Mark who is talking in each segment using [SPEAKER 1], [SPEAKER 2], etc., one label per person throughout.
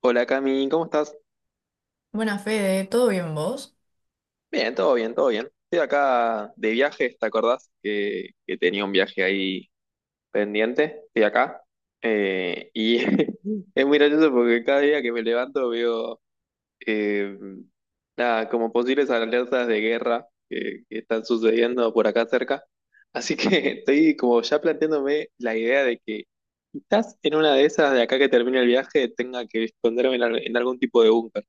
[SPEAKER 1] Hola, Cami, ¿cómo estás?
[SPEAKER 2] Buenas, Fede, ¿todo bien vos?
[SPEAKER 1] Bien, todo bien, todo bien. Estoy acá de viaje. ¿Te acordás que tenía un viaje ahí pendiente? Estoy acá. Y es muy gracioso porque cada día que me levanto veo eh, nada, como posibles alertas de guerra que están sucediendo por acá cerca. Así que estoy como ya planteándome la idea de que quizás en una de esas de acá que termine el viaje tenga que esconderme en algún tipo de búnker.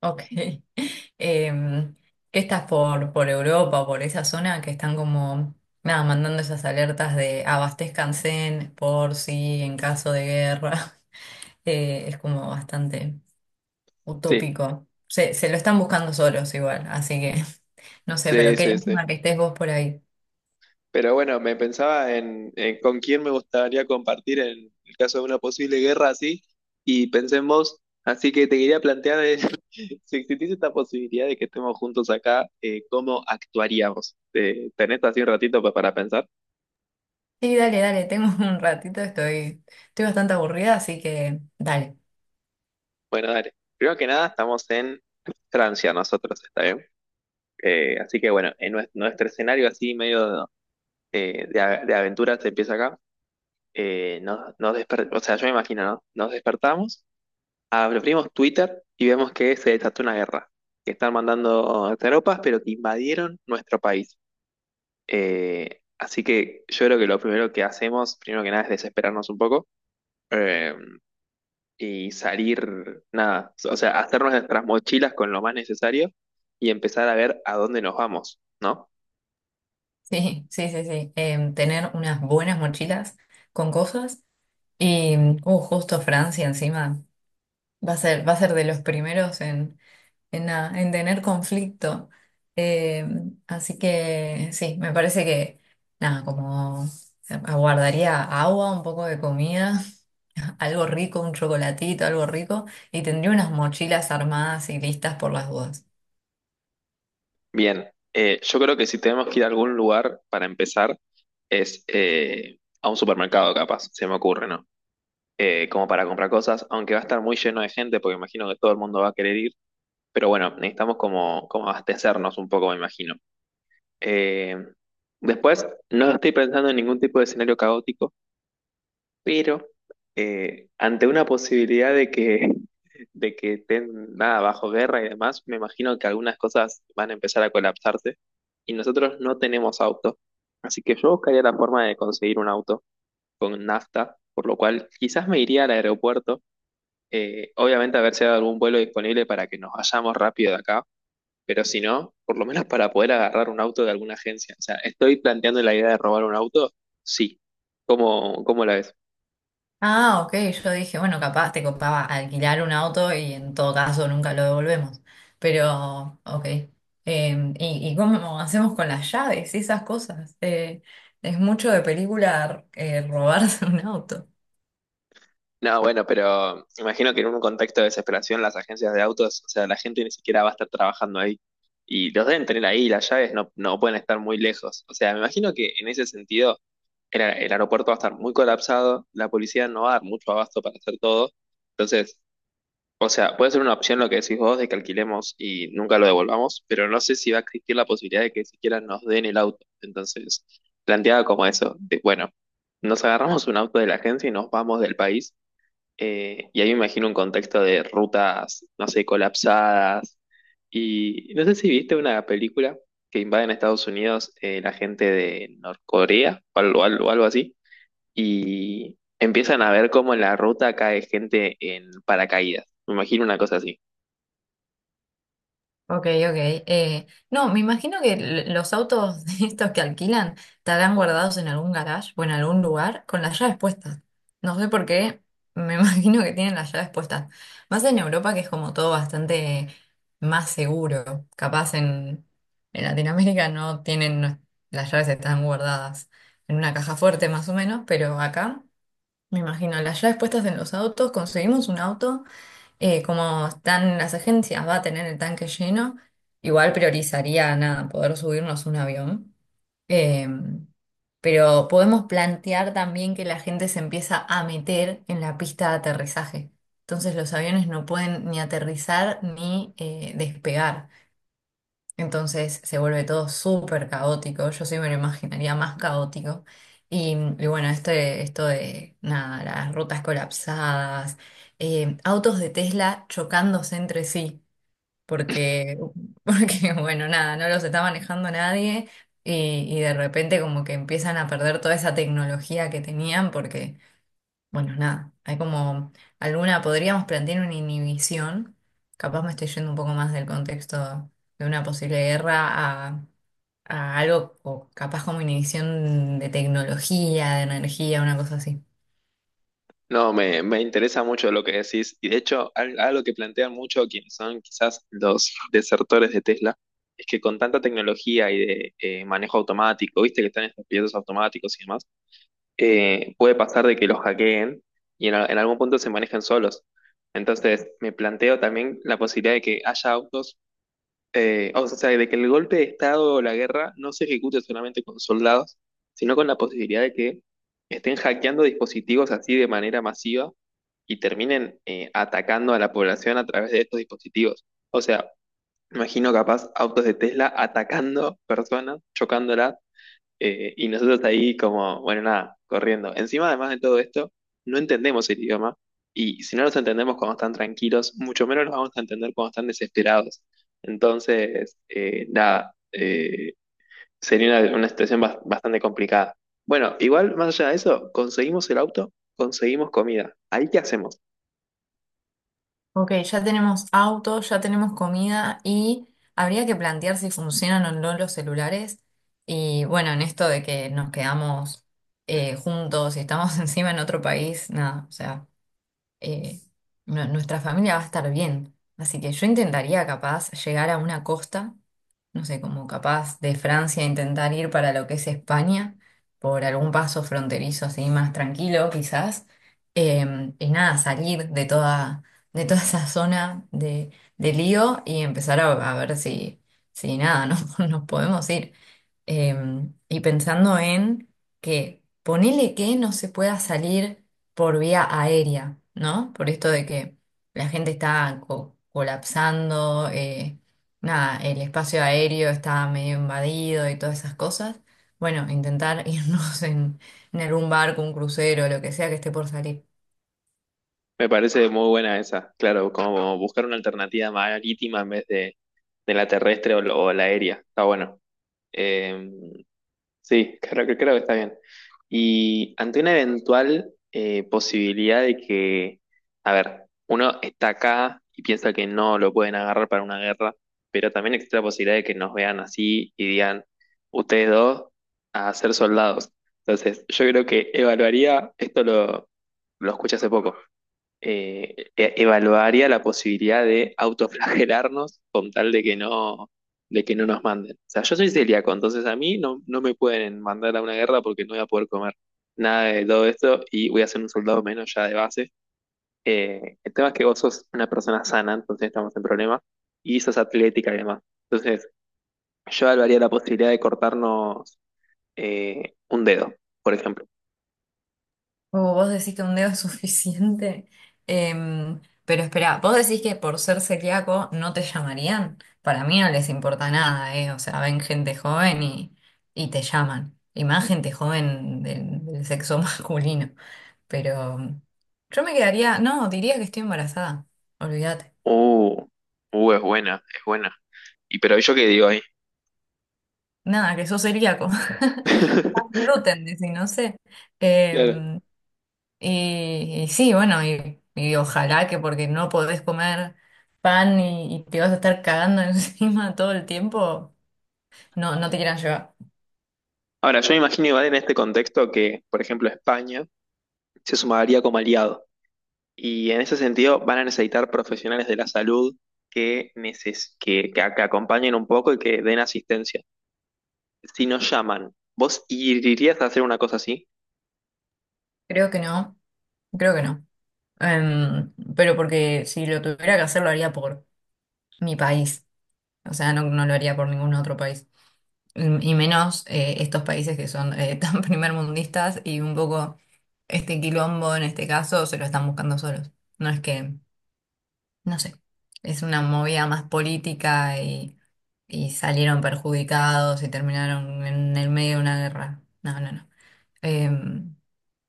[SPEAKER 2] Ok. Em, ¿qué estás por Europa, por esa zona que están como, nada, mandando esas alertas de abastezcanse por si en caso de guerra? Es como bastante
[SPEAKER 1] Sí,
[SPEAKER 2] utópico. Se lo están buscando solos igual, así que no sé, pero
[SPEAKER 1] sí,
[SPEAKER 2] qué
[SPEAKER 1] sí, sí.
[SPEAKER 2] lástima que estés vos por ahí.
[SPEAKER 1] Pero bueno, me pensaba en con quién me gustaría compartir en el caso de una posible guerra así, y pensé en vos, así que te quería plantear, si existiese esta posibilidad de que estemos juntos acá, ¿cómo actuaríamos? ¿Tenés así un ratito para pensar?
[SPEAKER 2] Sí, dale, dale, tengo un ratito, estoy bastante aburrida, así que dale.
[SPEAKER 1] Bueno, dale. Primero que nada, estamos en Francia nosotros, ¿está bien? Así que bueno, en nuestro escenario así medio de aventuras empieza acá. O sea, yo me imagino, ¿no? Nos despertamos, abrimos Twitter y vemos que se desató una guerra, que están mandando tropas, pero que invadieron nuestro país. Así que yo creo que lo primero que hacemos, primero que nada, es desesperarnos un poco, eh, y salir, nada, o sea, hacernos nuestras mochilas con lo más necesario y empezar a ver a dónde nos vamos, ¿no?
[SPEAKER 2] Sí, sí, sí, sí. Tener unas buenas mochilas con cosas y, justo Francia encima va a ser de los primeros nada, en tener conflicto. Eh, Así que sí, me parece que nada, como aguardaría agua, un poco de comida, algo rico, un chocolatito, algo rico, y tendría unas mochilas armadas y listas por las dudas.
[SPEAKER 1] Bien, yo creo que si tenemos que ir a algún lugar para empezar, es a un supermercado, capaz, se me ocurre, ¿no? Eh, como para comprar cosas, aunque va a estar muy lleno de gente porque imagino que todo el mundo va a querer ir, pero bueno, necesitamos como abastecernos un poco, me imagino. Eh, después, no estoy pensando en ningún tipo de escenario caótico, pero ante una posibilidad de que, de que estén, nada, bajo guerra y demás, me imagino que algunas cosas van a empezar a colapsarse y nosotros no tenemos auto. Así que yo buscaría la forma de conseguir un auto con nafta, por lo cual quizás me iría al aeropuerto, obviamente haber sido algún vuelo disponible para que nos vayamos rápido de acá, pero si no, por lo menos para poder agarrar un auto de alguna agencia. O sea, ¿estoy planteando la idea de robar un auto? Sí. ¿Cómo, cómo la ves?
[SPEAKER 2] Ah, ok, yo dije, bueno, capaz te copaba alquilar un auto y en todo caso nunca lo devolvemos. Pero, ok. Y cómo hacemos con las llaves y esas cosas? Es mucho de película robarse un auto.
[SPEAKER 1] No, bueno, pero imagino que en un contexto de desesperación las agencias de autos, o sea, la gente ni siquiera va a estar trabajando ahí. Y los deben tener ahí, las llaves no, no pueden estar muy lejos. O sea, me imagino que en ese sentido el aeropuerto va a estar muy colapsado, la policía no va a dar mucho abasto para hacer todo. Entonces, o sea, puede ser una opción lo que decís vos de que alquilemos y nunca lo devolvamos, pero no sé si va a existir la posibilidad de que siquiera nos den el auto. Entonces, planteaba como eso, de, bueno, nos agarramos un auto de la agencia y nos vamos del país, y ahí me imagino un contexto de rutas, no sé, colapsadas. Y no sé si viste una película que invade en Estados Unidos, la gente de Norcorea o algo, algo así, y empiezan a ver cómo en la ruta cae gente en paracaídas. Me imagino una cosa así.
[SPEAKER 2] Ok, ok. No, me imagino que los autos estos que alquilan estarán guardados en algún garage o en algún lugar con las llaves puestas. No sé por qué, me imagino que tienen las llaves puestas. Más en Europa que es como todo bastante más seguro. En Latinoamérica no tienen, no- las llaves están guardadas en una caja fuerte más o menos, pero acá me imagino las llaves puestas en los autos. Conseguimos un auto. Como están las agencias, va a tener el tanque lleno. Igual priorizaría nada, poder subirnos un avión. Eh, pero podemos plantear también que la gente se empieza a meter en la pista de aterrizaje. Entonces los aviones no pueden ni aterrizar ni despegar. Entonces se vuelve todo súper caótico. Yo sí me lo imaginaría más caótico. Y, mm, y bueno, esto de nada, las rutas colapsadas, autos de Tesla chocándose entre sí, porque, porque bueno, nada, no los está manejando nadie. Y de repente como que empiezan a perder toda esa tecnología que tenían porque bueno, nada, hay como alguna, podríamos plantear una inhibición, capaz me estoy yendo un poco más del contexto de una posible guerra a algo o capaz como inhibición de tecnología, de energía, una cosa así.
[SPEAKER 1] No, me interesa mucho lo que decís, y de hecho algo que plantean mucho quienes son quizás los desertores de Tesla es que con tanta tecnología y de, manejo automático, viste que están estos pilotos automáticos y demás, puede pasar de que los hackeen y en algún punto se manejen solos. Entonces me planteo también la posibilidad de que haya autos. O sea, de que el golpe de Estado o la guerra no se ejecute solamente con soldados, sino con la posibilidad de que estén hackeando dispositivos así de manera masiva y terminen, atacando a la población a través de estos dispositivos. O sea, imagino capaz autos de Tesla atacando personas, chocándolas, y nosotros ahí como, bueno, nada, corriendo. Encima, además de todo esto, no entendemos el idioma, y si no los entendemos cuando están tranquilos, mucho menos los vamos a entender cuando están desesperados. Entonces, nada, sería una situación bastante complicada. Bueno, igual, más allá de eso, conseguimos el auto, conseguimos comida. ¿Ahí qué hacemos?
[SPEAKER 2] Ok, ya tenemos autos, ya tenemos comida y habría que plantear si funcionan o no los celulares. Y bueno, en esto de que nos quedamos juntos y estamos encima en otro país, nada, o sea. eh, Nuestra familia va a estar bien. Así que yo intentaría capaz llegar a una costa, no sé, como capaz de Francia intentar ir para lo que es España, por algún paso fronterizo así más tranquilo quizás. Y nada, salir de toda esa zona de lío y empezar a ver si, si nada, no, nos podemos ir. Eh, y pensando en que ponele que no se pueda salir por vía aérea, ¿no? Por esto de que la gente está colapsando, nada, el espacio aéreo estaba medio invadido y todas esas cosas. Bueno, intentar irnos en algún barco, un crucero, lo que sea que esté por salir.
[SPEAKER 1] Me parece muy buena esa, claro, como buscar una alternativa marítima en vez de la terrestre o la aérea. Está bueno. Eh, sí, creo que está bien. Y ante una eventual, posibilidad de que, a ver, uno está acá y piensa que no lo pueden agarrar para una guerra, pero también existe la posibilidad de que nos vean así y digan, ustedes dos, a ser soldados. Entonces, yo creo que evaluaría, lo escuché hace poco, evaluaría la posibilidad de autoflagelarnos con tal de que no nos manden. O sea, yo soy celíaco, entonces a mí no, no me pueden mandar a una guerra porque no voy a poder comer nada de todo esto y voy a ser un soldado menos ya de base. El tema es que vos sos una persona sana, entonces estamos en problema, y sos atlética y demás. Entonces, yo evaluaría la posibilidad de cortarnos, un dedo, por ejemplo.
[SPEAKER 2] O vos decís que un dedo es suficiente. Pero espera, vos decís que por ser celíaco no te llamarían. Para mí no les importa nada, ¿eh? O sea, ven gente joven y te llaman. Y más gente joven del sexo masculino. Pero yo me quedaría, no, diría que estoy embarazada. Olvídate.
[SPEAKER 1] Uh, es buena, es buena. ¿Y pero yo qué digo ahí?
[SPEAKER 2] Nada, que sos celíaco. Más gluten, dice, no sé. Eh,
[SPEAKER 1] Claro.
[SPEAKER 2] y sí, bueno, y ojalá que porque no podés comer pan y te vas a estar cagando encima todo el tiempo, no, no te quieran llevar.
[SPEAKER 1] Ahora, yo me imagino igual en este contexto que, por ejemplo, España se sumaría como aliado. Y en ese sentido van a necesitar profesionales de la salud que, que acompañen un poco y que den asistencia. Si nos llaman, ¿vos irías a hacer una cosa así?
[SPEAKER 2] Creo que no, creo que no. Pero porque si lo tuviera que hacer, lo haría por mi país. O sea, no, no lo haría por ningún otro país. Mm, y menos estos países que son tan primermundistas y un poco este quilombo en este caso se lo están buscando solos. No es que, no sé, es una movida más política y salieron perjudicados y terminaron en el medio de una guerra. No, no, no. Em,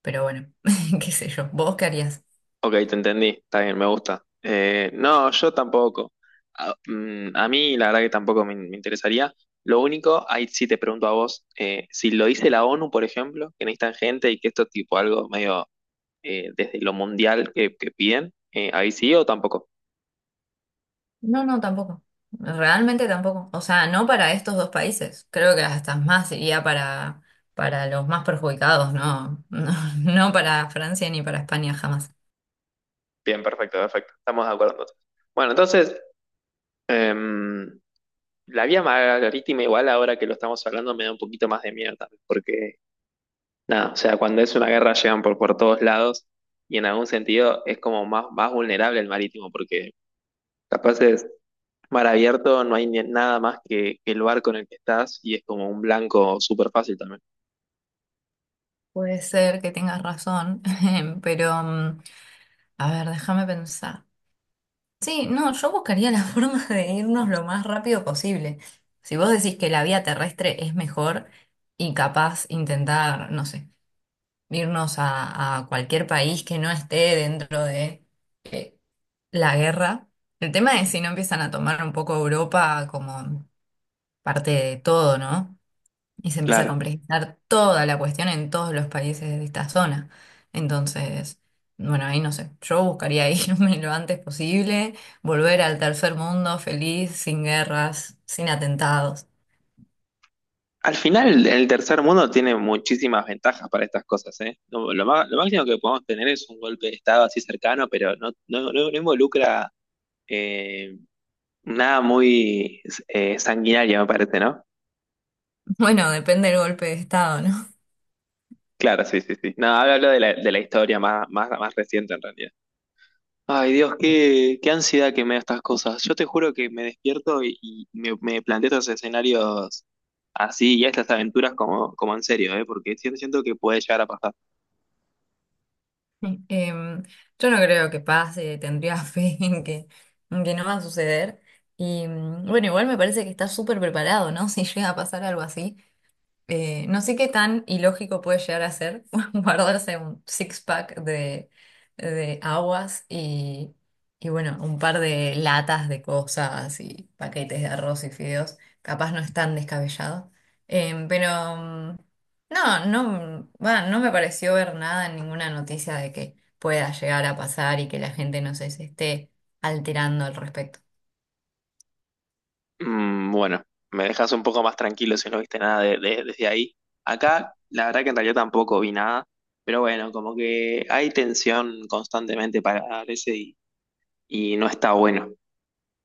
[SPEAKER 2] pero bueno, qué sé yo, ¿vos qué harías?
[SPEAKER 1] Ok, te entendí, está bien, me gusta. No, yo tampoco. A, mm, a mí la verdad que tampoco me, me interesaría. Lo único, ahí sí te pregunto a vos, ¿si lo dice la ONU, por ejemplo, que necesitan gente y que esto es tipo algo medio, desde lo mundial que piden? ¿Ahí sí o tampoco?
[SPEAKER 2] No, no, tampoco. Realmente tampoco. O sea, no para estos dos países. Creo que hasta más iría para los más perjudicados, ¿no? No, no para Francia ni para España jamás.
[SPEAKER 1] Bien, perfecto, perfecto. Estamos de acuerdo entonces. Bueno, entonces, em, la vía marítima igual ahora que lo estamos hablando me da un poquito más de miedo también, porque nada, o sea, cuando es una guerra llegan por todos lados, y en algún sentido es como más, más vulnerable el marítimo, porque capaz es mar abierto, no hay nada más que el barco en el que estás y es como un blanco súper fácil también.
[SPEAKER 2] Puede ser que tengas razón, pero mm, a ver, déjame pensar. Sí, no, yo buscaría la forma de irnos lo más rápido posible. Si vos decís que la vía terrestre es mejor y capaz intentar, no sé, irnos a cualquier país que no esté dentro de... eh, la guerra. El tema es si no empiezan a tomar un poco Europa como parte de todo, ¿no? Y se empieza a
[SPEAKER 1] Claro.
[SPEAKER 2] complejizar toda la cuestión en todos los países de esta zona. Entonces, bueno, ahí no sé, yo buscaría irme lo antes posible, volver al tercer mundo feliz, sin guerras, sin atentados.
[SPEAKER 1] Al final, el tercer mundo tiene muchísimas ventajas para estas cosas, ¿eh? Lo máximo que podemos tener es un golpe de Estado así cercano, pero no involucra, eh, nada muy, sanguinario, me parece, ¿no?
[SPEAKER 2] Bueno, depende del golpe de Estado, ¿no?
[SPEAKER 1] Claro, sí, sí, sí. No, hablo, hablo de la historia más, más, más reciente en realidad. Ay, Dios, qué, qué ansiedad que me da estas cosas. Yo te juro que me despierto y me planteo estos escenarios así y estas aventuras como, como en serio, ¿eh? Porque siento que puede llegar a pasar.
[SPEAKER 2] Sí. Yo no creo que pase, tendría fe en que no va a suceder. Y mm, bueno, igual me parece que está súper preparado, ¿no? Si llega a pasar algo así. No sé qué tan ilógico puede llegar a ser guardarse un six-pack de aguas y, bueno, un par de latas de cosas y paquetes de arroz y fideos. Capaz no es tan descabellado. Pero mm, no, no, va, no me pareció ver nada en ninguna noticia de que pueda llegar a pasar y que la gente no se se esté alterando al respecto.
[SPEAKER 1] Mm, bueno, me dejas un poco más tranquilo si no viste nada desde ahí. Acá, la verdad que en realidad tampoco vi nada, pero bueno, como que hay tensión constantemente para ese, y no está bueno.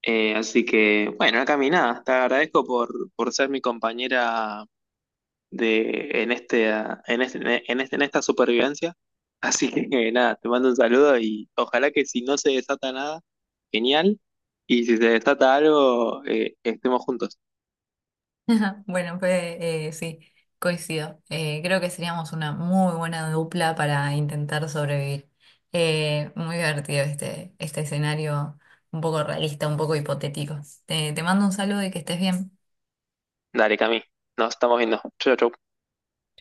[SPEAKER 1] Así que, bueno, acá mi, nada, te agradezco por ser mi compañera de, en este, ah, en este- en este- en esta supervivencia. Así que nada, te mando un saludo y ojalá que si no se desata nada, genial. Y si se desata algo, estemos juntos.
[SPEAKER 2] Bueno, pues sí, coincido. Creo que seríamos una muy buena dupla para intentar sobrevivir. Muy divertido este escenario, un poco realista, un poco hipotético. Te mando un saludo y que estés bien.
[SPEAKER 1] Dale, Cami. Nos estamos viendo. Chau, chau.